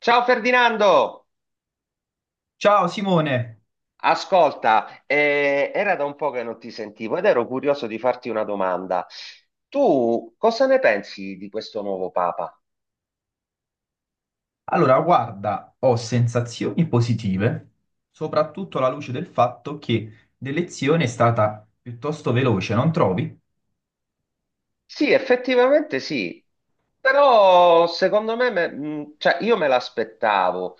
Ciao Ferdinando, Ciao Simone, ascolta, era da un po' che non ti sentivo ed ero curioso di farti una domanda. Tu cosa ne pensi di questo nuovo Papa? allora guarda, ho sensazioni positive, soprattutto alla luce del fatto che l'elezione è stata piuttosto veloce, non trovi? Sì, effettivamente sì, però secondo me, cioè, io me l'aspettavo.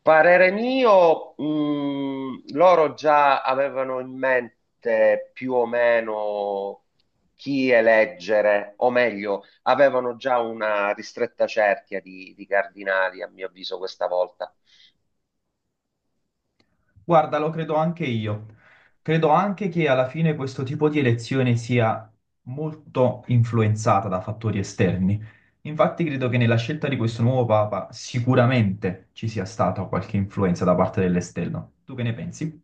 Parere mio, loro già avevano in mente più o meno chi eleggere, o meglio, avevano già una ristretta cerchia di cardinali, a mio avviso, questa volta. Guarda, lo credo anche io. Credo anche che alla fine questo tipo di elezione sia molto influenzata da fattori esterni. Infatti credo che nella scelta di questo nuovo Papa sicuramente ci sia stata qualche influenza da parte dell'esterno. Tu che ne pensi?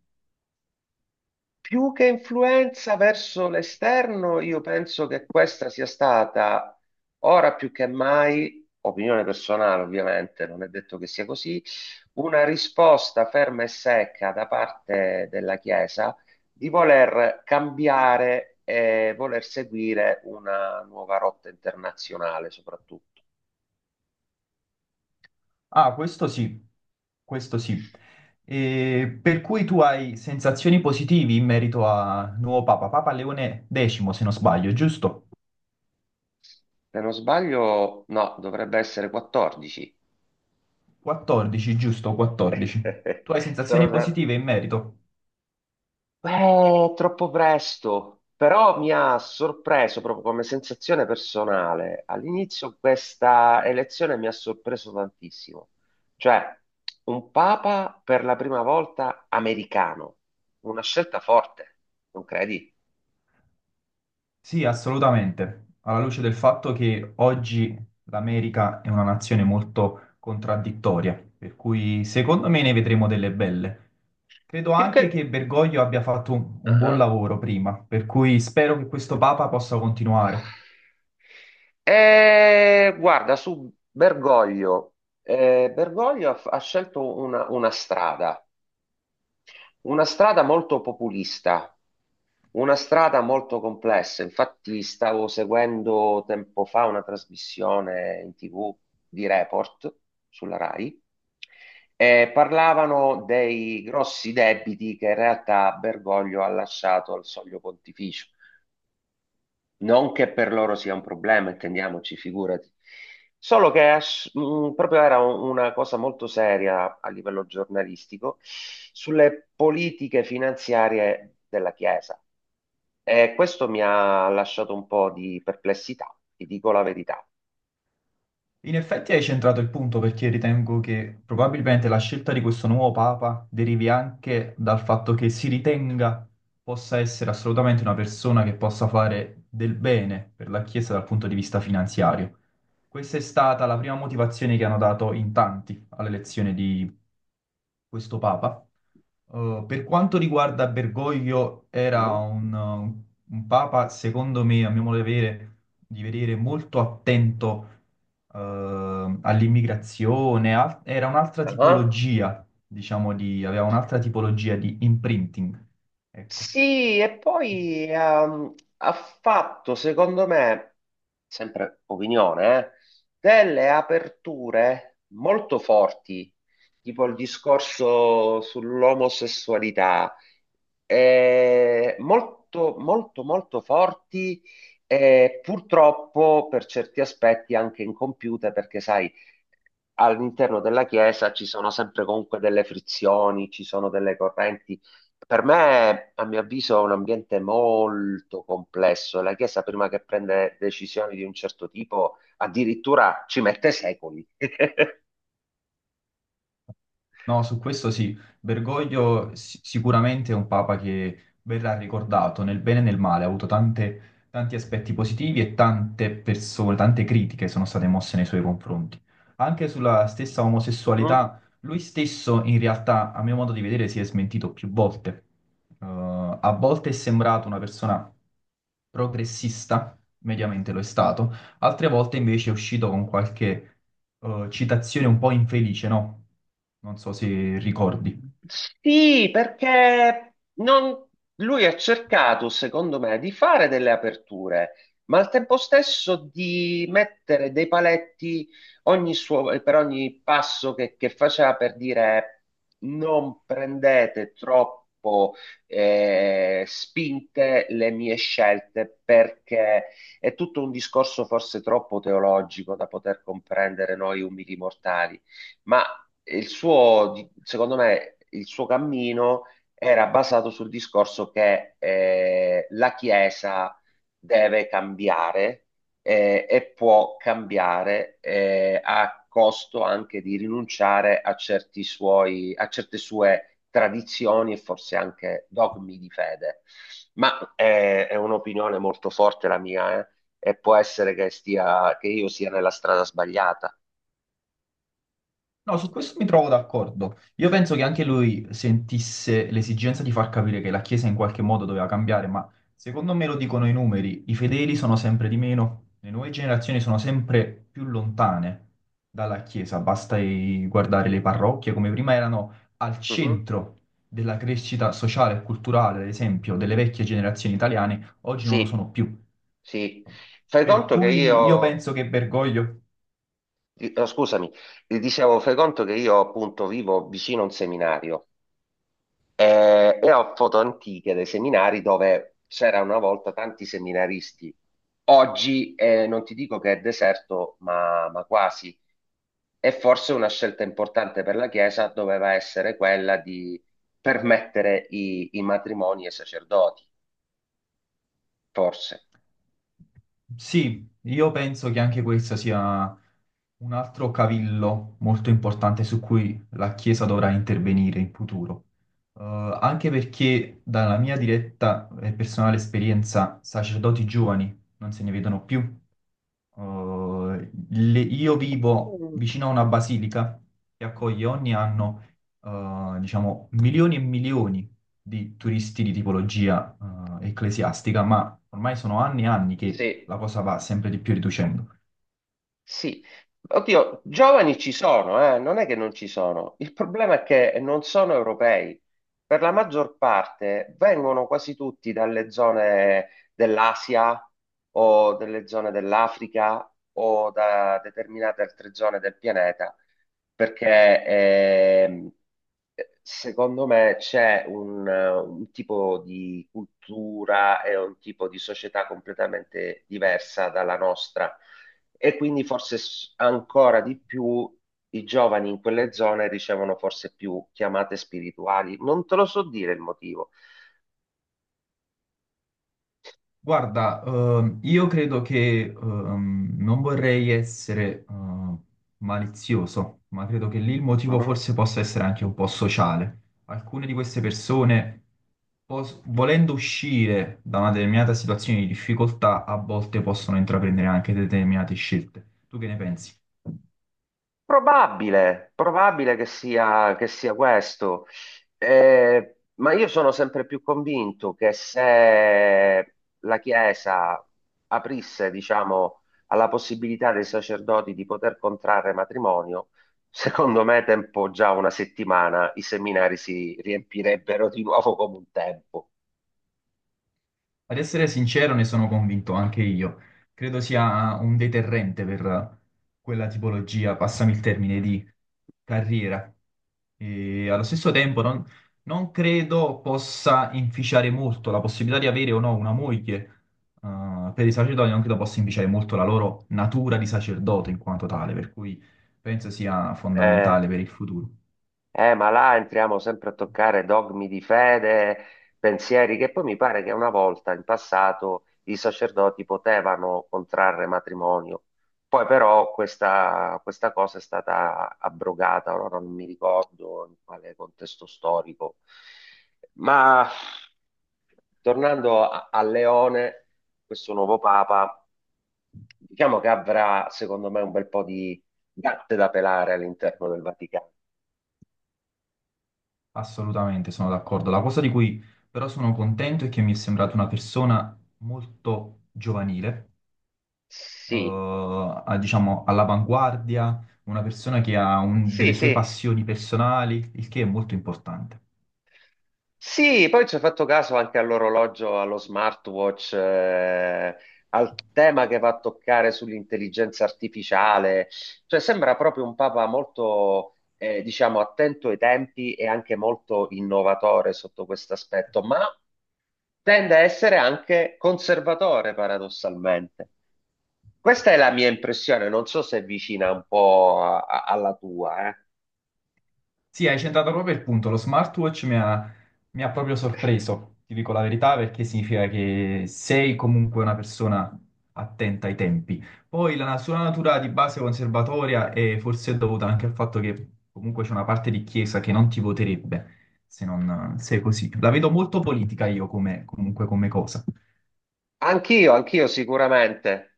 Più che influenza verso l'esterno, io penso che questa sia stata ora più che mai, opinione personale ovviamente, non è detto che sia così, una risposta ferma e secca da parte della Chiesa di voler cambiare e voler seguire una nuova rotta internazionale soprattutto. Ah, questo sì, questo sì. E per cui tu hai sensazioni positive in merito a nuovo Papa, Papa Leone X, se non sbaglio, giusto? Se non sbaglio, no, dovrebbe essere 14. 14, giusto? 14. Tu hai sensazioni Sono. positive in merito? Beh, troppo presto, però mi ha sorpreso proprio come sensazione personale. All'inizio questa elezione mi ha sorpreso tantissimo, cioè un papa per la prima volta americano, una scelta forte, non credi? Sì, assolutamente. Alla luce del fatto che oggi l'America è una nazione molto contraddittoria, per cui secondo me ne vedremo delle belle. Credo Più anche che... che Bergoglio abbia fatto un buon Ah. lavoro prima, per cui spero che questo Papa possa continuare. Guarda, su Bergoglio, Bergoglio ha scelto una strada, una strada molto populista. Una strada molto complessa, infatti stavo seguendo tempo fa una trasmissione in TV di Report sulla Rai e parlavano dei grossi debiti che in realtà Bergoglio ha lasciato al soglio pontificio. Non che per loro sia un problema, intendiamoci, figurati. Solo che proprio era una cosa molto seria a livello giornalistico sulle politiche finanziarie della Chiesa. E questo mi ha lasciato un po' di perplessità, ti dico la verità. In effetti hai centrato il punto perché ritengo che probabilmente la scelta di questo nuovo Papa derivi anche dal fatto che si ritenga possa essere assolutamente una persona che possa fare del bene per la Chiesa dal punto di vista finanziario. Questa è stata la prima motivazione che hanno dato in tanti all'elezione di questo papa. Per quanto riguarda Bergoglio, era Mm. un papa, secondo me, a mio modo di vedere molto attento eh, all'immigrazione, era un'altra Ah. tipologia, diciamo, di, aveva un'altra tipologia di imprinting. Ecco. Sì, e poi ha fatto, secondo me, sempre opinione, delle aperture molto forti, tipo il discorso sull'omosessualità, molto, molto, molto forti e purtroppo per certi aspetti anche incompiute, perché sai, all'interno della Chiesa ci sono sempre comunque delle frizioni, ci sono delle correnti. Per me, a mio avviso, è un ambiente molto complesso. La Chiesa, prima che prende decisioni di un certo tipo, addirittura ci mette secoli. No, su questo sì, Bergoglio sicuramente è un papa che verrà ricordato nel bene e nel male, ha avuto tanti aspetti positivi e tante persone, tante critiche sono state mosse nei suoi confronti. Anche sulla stessa Mhm. omosessualità, lui stesso in realtà, a mio modo di vedere, si è smentito più volte. A volte è sembrato una persona progressista, mediamente lo è stato, altre volte invece è uscito con qualche citazione un po' infelice, no? Non so se ricordi. Sì, perché lui ha cercato, secondo me, di fare delle aperture, ma al tempo stesso di mettere dei paletti per ogni passo che faceva, per dire non prendete troppo spinte le mie scelte, perché è tutto un discorso forse troppo teologico da poter comprendere noi umili mortali, ma il suo, secondo me, il suo cammino era basato sul discorso che la Chiesa deve cambiare e può cambiare a costo anche di rinunciare a a certe sue tradizioni e forse anche dogmi di fede. Ma è un'opinione molto forte la mia, e può essere che stia, che io sia nella strada sbagliata. No, su questo mi trovo d'accordo. Io penso che anche lui sentisse l'esigenza di far capire che la Chiesa in qualche modo doveva cambiare, ma secondo me lo dicono i numeri, i fedeli sono sempre di meno, le nuove generazioni sono sempre più lontane dalla Chiesa, basta guardare le parrocchie come prima erano al Mhm. centro della crescita sociale e culturale, ad esempio, delle vecchie generazioni italiane, oggi non lo Sì. sono più. Sì, fai Per conto che cui io io, penso che Bergoglio. No, scusami, dicevo, fai conto che io appunto vivo vicino a un seminario e ho foto antiche dei seminari dove c'era una volta tanti seminaristi. Oggi non ti dico che è deserto, ma quasi. E forse una scelta importante per la Chiesa doveva essere quella di permettere i matrimoni ai sacerdoti, forse. Sì, io penso che anche questo sia un altro cavillo molto importante su cui la Chiesa dovrà intervenire in futuro. Anche perché dalla mia diretta e personale esperienza, sacerdoti giovani non se ne vedono più. Io vivo Mm. vicino a una basilica che accoglie ogni anno, diciamo, milioni e milioni di turisti di tipologia, ecclesiastica, ma ormai sono anni e anni che Sì, la cosa va sempre di più riducendo. sì, oddio, giovani ci sono, non è che non ci sono. Il problema è che non sono europei. Per la maggior parte vengono quasi tutti dalle zone dell'Asia o delle zone dell'Africa o da determinate altre zone del pianeta, perché secondo me c'è un tipo di cultura e un tipo di società completamente diversa dalla nostra e quindi forse ancora di più i giovani in quelle zone ricevono forse più chiamate spirituali. Non te lo so dire il motivo. Guarda, io credo che non vorrei essere malizioso, ma credo che lì il motivo forse possa essere anche un po' sociale. Alcune di queste persone, volendo uscire da una determinata situazione di difficoltà, a volte possono intraprendere anche determinate scelte. Tu che ne pensi? Probabile che sia questo. Ma io sono sempre più convinto che se la Chiesa aprisse, diciamo, alla possibilità dei sacerdoti di poter contrarre matrimonio, secondo me, tempo già una settimana, i seminari si riempirebbero di nuovo come un tempo. Ad essere sincero, ne sono convinto anche io. Credo sia un deterrente per quella tipologia, passami il termine, carriera. E allo stesso tempo non credo possa inficiare molto la possibilità di avere o no una moglie. Per i sacerdoti non credo possa inficiare molto la loro natura di sacerdote in quanto tale, per cui penso sia Eh, fondamentale per il futuro. Eh, ma là entriamo sempre a toccare dogmi di fede, pensieri, che poi mi pare che una volta in passato i sacerdoti potevano contrarre matrimonio. Poi però questa cosa è stata abrogata, ora non mi ricordo in quale contesto storico. Ma tornando a Leone, questo nuovo papa, diciamo che avrà secondo me un bel po' di gatte da pelare all'interno del Vaticano. Assolutamente, sono d'accordo. La cosa di cui però sono contento è che mi è sembrata una persona molto giovanile Sì, diciamo, all'avanguardia, una persona che ha sì, delle sue sì. passioni personali, il che è molto importante. Sì, poi ci ho fatto caso anche all'orologio, allo smartwatch, al tema che va a toccare sull'intelligenza artificiale. Cioè, sembra proprio un papa molto, diciamo, attento ai tempi e anche molto innovatore sotto questo aspetto, ma tende a essere anche conservatore, paradossalmente. Questa è la mia impressione, non so se è vicina un po' alla tua, eh. Sì, hai centrato proprio il punto, lo smartwatch mi ha proprio sorpreso, ti dico la verità, perché significa che sei comunque una persona attenta ai tempi. Poi la sua natura di base conservatoria è forse dovuta anche al fatto che comunque c'è una parte di chiesa che non ti voterebbe se non sei così. La vedo molto politica io come, comunque come cosa. Anch'io, anch'io sicuramente.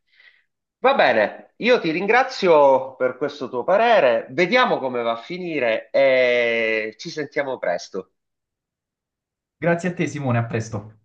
Va bene, io ti ringrazio per questo tuo parere. Vediamo come va a finire e ci sentiamo presto. Grazie a te, Simone, a presto.